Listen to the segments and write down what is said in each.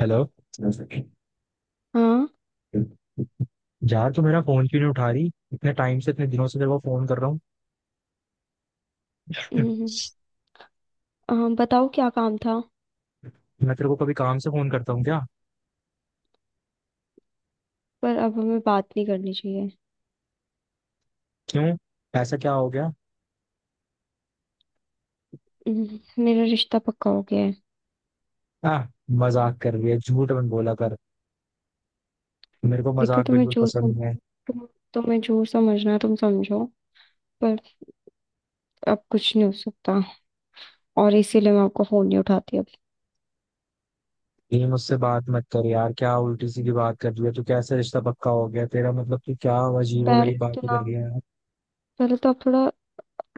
Hello. हाँ। यार, तू मेरा फोन क्यों नहीं उठा रही? इतने टाइम से, इतने दिनों से तेरे को फोन कर रहा हूँ। हम्म, हाँ, बताओ क्या काम था। मैं तेरे को कभी काम से फोन करता हूँ क्या? पर अब हमें बात नहीं करनी चाहिए। क्यों? ऐसा क्या हो गया? मेरा रिश्ता पक्का हो गया है। आ, मजाक कर रही है, झूठ मत बोला कर। मेरे को देखो, मजाक बिल्कुल पसंद नहीं है। तुम, तुम्हें जो समझना है तुम समझो, पर अब कुछ नहीं हो सकता, और इसीलिए मैं आपका फोन नहीं उठाती अब। ये मुझसे बात मत कर यार, क्या उल्टी सी की बात कर रही है तू? कैसे रिश्ता पक्का हो गया तेरा? मतलब तू क्या अजीब पहले वगरीब तो बातें कर ना रही है यार। पहले तो आप थोड़ा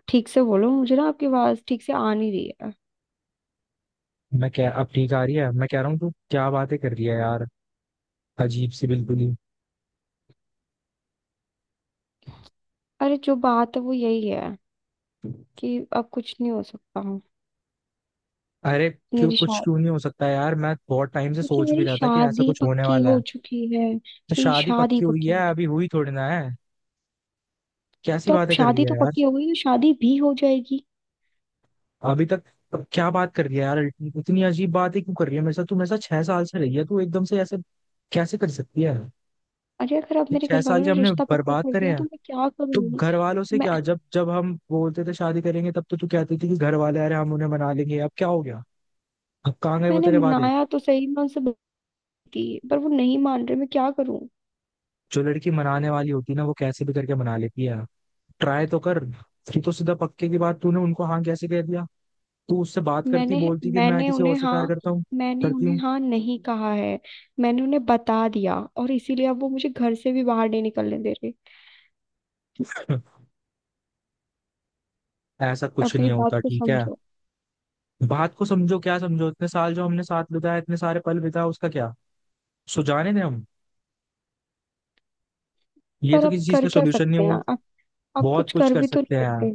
ठीक से बोलो, मुझे ना आपकी आवाज ठीक से आ नहीं रही है। मैं क्या? अब ठीक आ रही है। मैं कह रहा हूँ तू क्या बातें कर रही है यार, अजीब सी बिल्कुल अरे जो बात है वो यही है ही। कि अब कुछ नहीं हो सकता। अरे क्यों? मेरी कुछ शादी क्यों नहीं हो सकता यार? मैं बहुत टाइम से क्योंकि सोच भी मेरी रहा था कि ऐसा शादी कुछ होने पक्की वाला हो है। चुकी है। तो मेरी शादी शादी पक्की हुई पक्की हो है, अभी हुई थोड़ी ना है। कैसी तो अब बातें कर रही शादी तो है यार। पक्की हो गई है, शादी भी हो जाएगी। अभी तक। अब क्या बात कर रही है यार? इतनी अजीब बातें क्यों कर रही है मेरे साथ? तू मेरे साथ 6 साल से रही है, तू एकदम से ऐसे कैसे कर सकती है? अरे अगर अब ये मेरे छह घर वालों साल के ने हमने रिश्ता पक्का बर्बाद कर करे दिया हैं। तो मैं क्या तो करूँ। घर वालों से मैं क्या, जब जब हम बोलते थे शादी करेंगे तब तो तू कहती थी कि घर वाले अरे हम उन्हें मना लेंगे, अब क्या हो गया? अब कहाँ गए वो मैंने तेरे वादे? मनाया तो सही, मैं उनसे बोलती पर वो नहीं मान रहे, मैं क्या करूँ। जो लड़की मनाने वाली होती है ना वो कैसे भी करके मना लेती है। ट्राई तो कर। ये तो सीधा पक्के की बात तूने उनको हाँ कैसे कह दिया? तू उससे बात करती, मैंने बोलती कि मैं मैंने किसी और उन्हें से हाँ प्यार करता हूँ मैंने करती उन्हें हूँ। हाँ नहीं कहा है। मैंने उन्हें बता दिया, और इसीलिए अब वो मुझे घर से भी बाहर नहीं निकलने दे रहे। ऐसा अब कुछ मेरी नहीं बात होता, को ठीक है। समझो। बात को समझो क्या समझो? इतने साल जो हमने साथ बिताए, इतने सारे पल बिताए, उसका क्या? सो जाने दें हम? ये पर तो किसी अब चीज कर का क्या सोल्यूशन नहीं सकते हुआ। हैं अब, आप बहुत कुछ कुछ कर कर भी तो सकते हैं नहीं यार। सकते।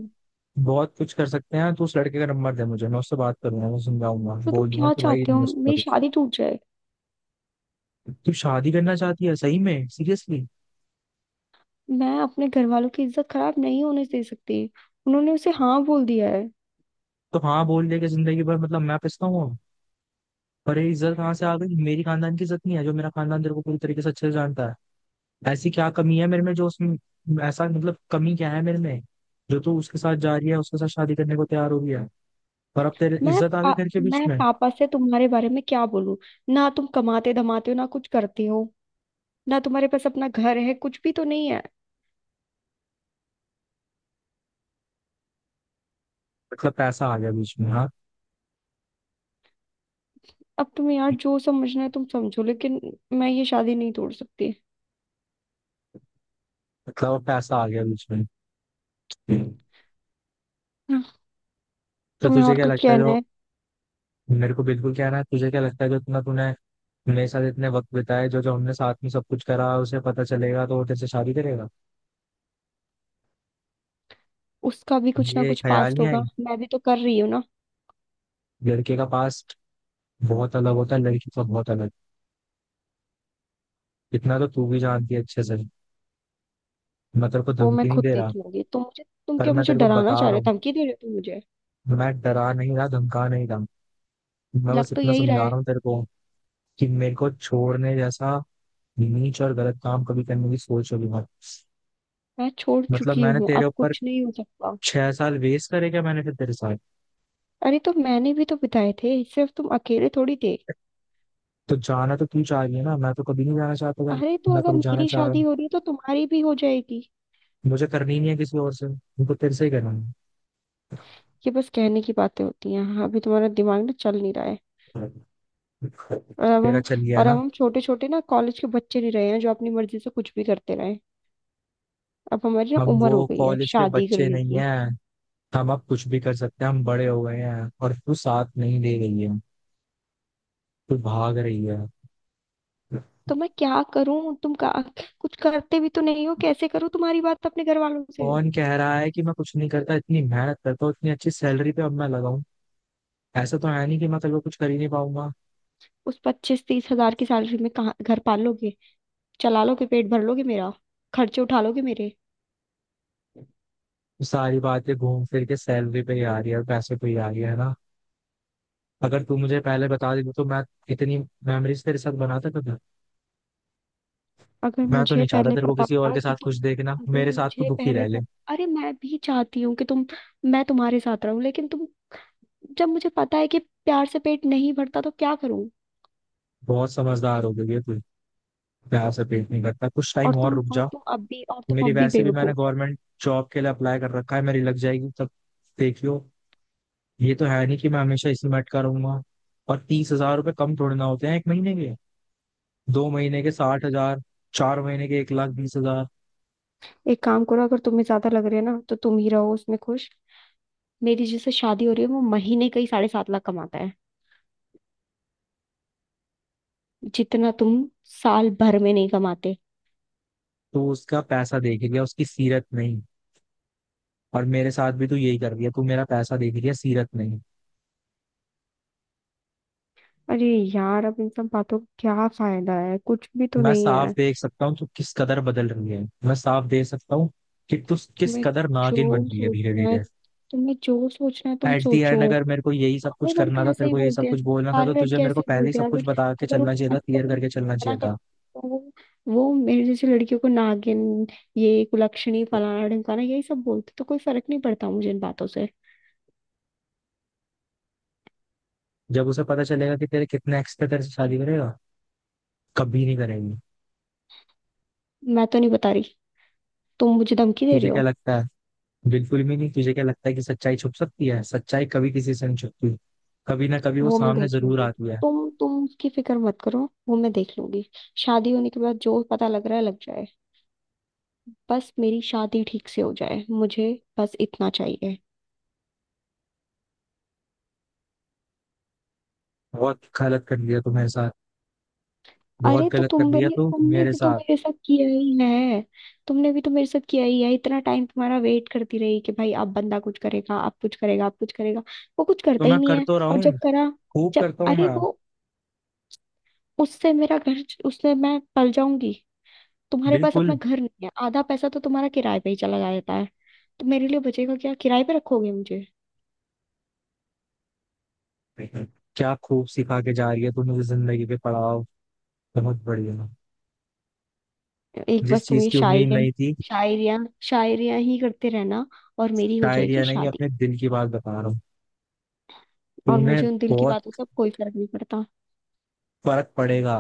बहुत कुछ कर सकते हैं, तो उस लड़के का नंबर दे मुझे, मैं उससे बात करूंगा, मैं समझाऊंगा, तो तुम बोल दूंगा क्या कि भाई चाहते नहीं हो, हो सकता मेरी कुछ। शादी टूट जाए? तू शादी करना चाहती है सही में, सीरियसली? मैं अपने घर वालों की इज्जत खराब नहीं होने दे सकती, उन्होंने उसे हाँ बोल दिया है। तो हाँ बोल दे कि जिंदगी भर मतलब मैं पिसता हूँ। पर ये इज्जत कहाँ से आ गई? मेरी खानदान की इज्जत नहीं है? जो मेरा खानदान तेरे को पूरी तरीके से अच्छे से जानता है। ऐसी क्या कमी है मेरे में जो उसमें? ऐसा मतलब कमी क्या है मेरे में जो तू उसके साथ जा रही है, उसके साथ शादी करने को तैयार हो गया है। पर अब तेरे मैं इज्जत आ गई पा, घर के बीच मैं में। पापा से तुम्हारे बारे में क्या बोलूं? ना तुम कमाते धमाते हो, ना कुछ करते हो, ना तुम्हारे पास अपना घर है, कुछ भी तो नहीं है। मतलब पैसा आ गया बीच में, हाँ। अब तुम्हें यार जो समझना है तुम समझो, लेकिन मैं ये शादी नहीं तोड़ सकती। मतलब अब पैसा आ गया बीच में। हाँ, तो तुम्हें तुझे और क्या कुछ लगता है कहना जो है? मेरे को बिल्कुल कहना है? तुझे क्या लगता है जो इतना तूने मेरे साथ इतने वक्त बिताए, जो जो हमने साथ में सब कुछ करा, उसे पता चलेगा तो वो तेरे से शादी करेगा? उसका भी कुछ ना ये कुछ ख्याल पास्ट नहीं होगा, आई? मैं भी तो कर रही हूँ ना। लड़के का पास बहुत अलग होता है, लड़की का बहुत अलग। इतना तो तू भी जानती है अच्छे से। मैं तेरे को वो मैं धमकी नहीं खुद दे देख रहा, लूंगी, तुम मुझे, तुम पर क्या मैं मुझे तेरे को डराना बता चाह रहा रहे हूँ। हो, धमकी दे रहे हो तुम मुझे? मैं डरा नहीं रहा, धमका नहीं रहा। मैं लग बस तो इतना यही रहा समझा है। रहा हूँ तेरे को कि मेरे को छोड़ने जैसा नीच और गलत काम कभी करने की सोच होगी मत। मैं छोड़ मतलब चुकी मैंने हूँ, तेरे अब ऊपर कुछ नहीं हो सकता। 6 साल वेस्ट करे क्या? मैंने फिर तेरे साथ। अरे तो मैंने भी तो बिताए थे, सिर्फ तुम अकेले थोड़ी थे। तो जाना तो तू चाह रही है ना, मैं तो कभी नहीं जाना चाहता था। अरे तो मैं अगर कभी जाना मेरी चाह रहा शादी हूँ? हो रही है तो तुम्हारी भी हो जाएगी। मुझे करनी ही नहीं है किसी और से, उनको तेरे से ही करना ये बस कहने की बातें होती हैं, हाँ, अभी तुम्हारा दिमाग ना चल नहीं रहा है। है। और अब तेरा हम चल गया है और ना। अब हम छोटे छोटे ना कॉलेज के बच्चे नहीं रहे हैं जो अपनी मर्जी से कुछ भी करते रहे। अब हमारी ना हम उम्र हो वो गई है कॉलेज के शादी बच्चे करने नहीं की। है, हम अब कुछ भी कर सकते हैं, हम बड़े हो गए हैं, और तू साथ नहीं दे रही है, तू भाग रही है। तो मैं क्या करूं, तुम का कुछ करते भी तो नहीं हो, कैसे करूं तुम्हारी बात अपने घर वालों से? कौन कह रहा है कि मैं कुछ नहीं करता? इतनी मेहनत करता हूँ, इतनी अच्छी सैलरी पे अब मैं लगाऊं। ऐसा तो है नहीं कि मैं कल को कुछ कर ही नहीं पाऊंगा। उस 25-30 हजार की सैलरी में कहाँ घर पाल लोगे, चला लोगे, पेट भर लोगे मेरा, खर्चे उठा लोगे मेरे? सारी बातें घूम फिर के सैलरी पे ही आ रही है और पैसे पे ही आ रही है ना। अगर तू मुझे पहले बता देती तो मैं इतनी मेमोरीज तेरे साथ बनाता कभी? अगर मैं तो मुझे नहीं चाहता पहले तेरे को पता किसी और होता के कि साथ तुम खुश देखना, अगर मेरे साथ तू मुझे दुखी पहले रह ले। पता, अरे मैं भी चाहती हूँ कि तुम, मैं तुम्हारे साथ रहूं, लेकिन तुम, जब मुझे पता है कि प्यार से पेट नहीं भरता तो क्या करूं। बहुत समझदार हो गई है तू। प्यार से पेट नहीं करता, कुछ टाइम और रुक जा। और तुम मेरी अब भी वैसे भी मैंने बेवकूफ हो। गवर्नमेंट जॉब के लिए अप्लाई कर रखा है, मेरी लग जाएगी तब। देखियो। ये तो है नहीं कि मैं हमेशा इसी में अटका रहूंगा। और 30,000 रुपये कम थोड़े ना होते हैं 1 महीने के। 2 महीने के 60,000। 4 महीने के 1,20,000। एक काम करो, अगर तुम्हें ज्यादा लग रहा है ना तो तुम ही रहो उसमें खुश। मेरी जिससे शादी हो रही है वो महीने का ही 7.5 लाख कमाता है, जितना तुम साल भर में नहीं कमाते। तो उसका पैसा देख लिया, उसकी सीरत नहीं। और मेरे साथ भी तू यही कर रही है, तू मेरा पैसा देख लिया, सीरत नहीं। अरे यार, अब इन सब बातों का क्या फायदा है, कुछ भी तो मैं नहीं साफ है। देख सकता हूँ तू किस कदर बदल रही है, मैं साफ देख सकता हूँ कि तू किस तुम्हें कदर नागिन बन जो रही है धीरे सोचना है धीरे। तुम्हें जो सोचना है तुम एट दी सोचो। एंड अगर मेरे को यही सब सारे कुछ करना लड़के था, ऐसा तेरे ही को यही बोलते सब हैं कुछ बोलना था, तो सारे तुझे लड़के मेरे को ऐसे ही पहले ही बोलते हैं, सब कुछ अगर बता के अगर चलना उन्हें चाहिए था, क्लियर अनपसंद करके है, चलना मना चाहिए करते था। हैं, तो वो मेरे जैसी लड़कियों को नागिन, ये कुलक्षणी, फलाना ढिमकाना, यही सब बोलते हैं, तो कोई फर्क नहीं पड़ता मुझे इन बातों से। जब उसे पता चलेगा कि तेरे कितने एक्स थे, तेरे से शादी करेगा? कभी नहीं करेगी। मैं तो नहीं बता रही, तुम मुझे धमकी दे रहे तुझे क्या हो? लगता है? बिल्कुल भी नहीं। तुझे क्या लगता है कि सच्चाई छुप सकती है? सच्चाई कभी किसी से नहीं छुपती, कभी ना कभी वो वो मैं सामने देख जरूर लूंगी, आती है। तुम उसकी फिक्र मत करो, वो मैं देख लूंगी। शादी होने के बाद जो पता लग रहा है लग जाए, बस मेरी शादी ठीक से हो जाए, मुझे बस इतना चाहिए। बहुत गलत कर दिया तू मेरे साथ। बहुत अरे तो गलत कर तुम दिया भी तू तुमने मेरे भी तो साथ। मेरे साथ किया ही है, तुमने भी तो मेरे साथ किया ही है। इतना टाइम तुम्हारा वेट करती रही कि भाई अब बंदा कुछ करेगा, अब कुछ करेगा, अब कुछ करेगा, वो कुछ तो करता ही मैं नहीं कर है। तो रहा और हूँ, जब करा, खूब जब, करता हूँ अरे मैं। वो, उससे मेरा घर, उससे मैं पल जाऊंगी। तुम्हारे पास अपना बिल्कुल। घर नहीं है, आधा पैसा तो तुम्हारा किराए पे ही चला जाता है, तो मेरे लिए बचेगा क्या, किराए पे रखोगे मुझे? क्या खूब सिखा के जा रही है तू मुझे जिंदगी के पड़ाव। बहुत बढ़िया। एक जिस बस तुम चीज ये की उम्मीद शायरी नहीं थी। शायरियां शायरियां ही करते रहना, और मेरी हो शायद जाएगी या नहीं, शादी। अपने दिल की बात बता रहा हूँ। और तूने। मुझे उन दिल की बातों बहुत से अब कोई फर्क नहीं पड़ता। फर्क पड़ेगा।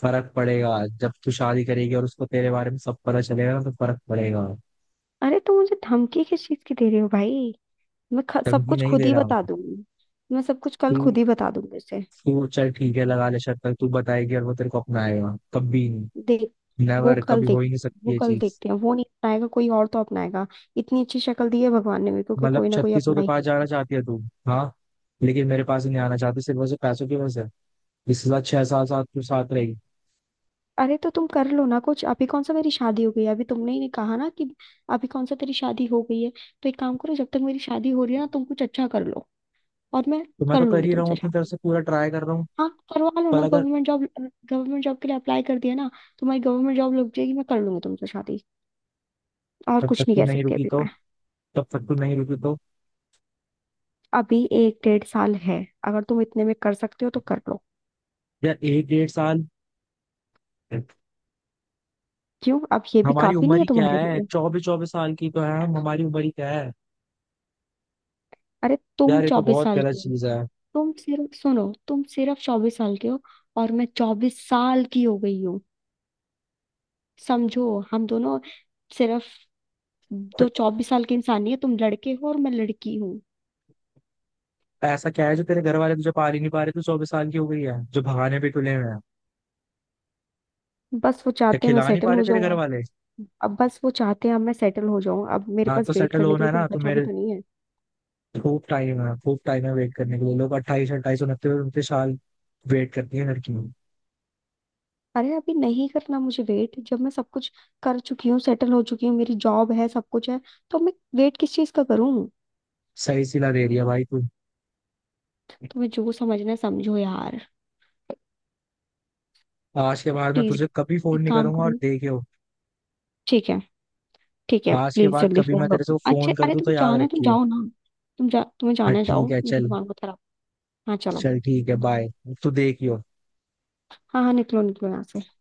फर्क पड़ेगा। जब तू शादी करेगी और उसको तेरे बारे में सब पता चलेगा ना तो फर्क पड़ेगा। अरे तुम मुझे धमकी किस चीज की दे रहे हो भाई? सब धमकी कुछ नहीं खुद दे ही रहा हूँ। बता दूंगी, मैं सब कुछ कल तू खुद ही बता दूंगी उसे। तू चल ठीक है, लगा ले शर्त। पर तू बताएगी और वो तेरे को अपनाएगा? कभी नहीं। देख नेवर। कभी हो देख, ही नहीं सकती वो ये कल चीज। देखते हैं, वो नहीं अपनाएगा कोई और तो अपनाएगा। इतनी अच्छी शक्ल दी है भगवान ने मेरे को कि मतलब कोई ना कोई छत्तीसों अपना के ही पास जाना लेगा। चाहती है तू? हाँ। लेकिन मेरे पास ही नहीं आना चाहती, सिर्फ वैसे पैसों की वजह से। इसके साथ 6 साल साथ तू साथ रहेगी? अरे तो तुम कर लो ना कुछ, अभी कौन सा मेरी शादी हो गई है, अभी तुमने ही कहा ना कि अभी कौन सा तेरी शादी हो गई है। तो एक काम करो, जब तक मेरी शादी हो रही है ना, तुम कुछ अच्छा कर लो, और मैं तो मैं कर तो कर लूंगी ही रहा हूँ, तुमसे अपनी तरफ शादी। से पूरा ट्राई कर रहा हूँ। हाँ, करवा लो पर ना अगर गवर्नमेंट जॉब, गवर्नमेंट जॉब के लिए अप्लाई कर दिया ना, तुम्हारी गवर्नमेंट जॉब लग जाएगी, मैं कर लूंगी तुमसे शादी। और तब तक कुछ नहीं तू कह नहीं सकती रुकी अभी तो। मैं। तब तक तू नहीं रुकी तो। अभी 1-1.5 साल है, अगर तुम इतने में कर सकते हो तो कर लो। यार एक डेढ़ साल। क्यों, अब ये भी हमारी काफी उम्र नहीं है ही क्या तुम्हारे है? लिए? 24-24 साल की तो है हम, हमारी उम्र ही क्या है? अरे तुम यार ये तो चौबीस बहुत साल गलत की हो, चीज है। तुम सिर्फ सुनो, तुम सिर्फ 24 साल के हो, और मैं 24 साल की हो गई हूँ। समझो, हम दोनों सिर्फ दो 24 साल के इंसान ही है, तुम लड़के हो और मैं लड़की हूँ। ऐसा क्या है जो तेरे घर वाले तुझे पाल ही नहीं पा रहे? तू 24 साल की हो गई है जो भगाने पे तुले हुए हैं? बस वो या चाहते हैं मैं खिला नहीं पा सेटल रहे हो तेरे घर जाऊँ, वाले? अब बस वो चाहते हैं अब मैं सेटल हो जाऊं, अब मेरे हाँ तो पास वेट सेटल करने के होना लिए है कुछ ना, तो बचा भी मेरे। तो नहीं है। खूब टाइम है, खूब टाइम है वेट करने के लिए। लोग अट्ठाईस अट्ठाईस, उनतीस उनतीस साल वेट करती है लड़कियों। अरे अभी नहीं करना मुझे वेट, जब मैं सब कुछ कर चुकी हूँ, सेटल हो चुकी हूँ, मेरी जॉब है, सब कुछ है, तो मैं वेट किस चीज का करूँ? सही सिला दे रही है भाई तू। तुम्हें जो समझना है समझो यार। आज के बाद मैं प्लीज तुझे कभी फोन एक नहीं काम करूंगा, और करो, देखियो, ठीक है, ठीक है, आज के प्लीज बाद जल्दी कभी मैं फोन तेरे रखो। से अच्छा, फोन कर अरे दूं तो तुम याद जाना है तुम रखियो। जाओ ना, तुम जा, तुम्हें हाँ जाना है ठीक जाओ, है मेरे चल। दिमाग को खराब। हाँ चलो। चल ठीक है, बाय। तू देखियो। हाँ, हाँ, निकलो निकलो यहाँ से।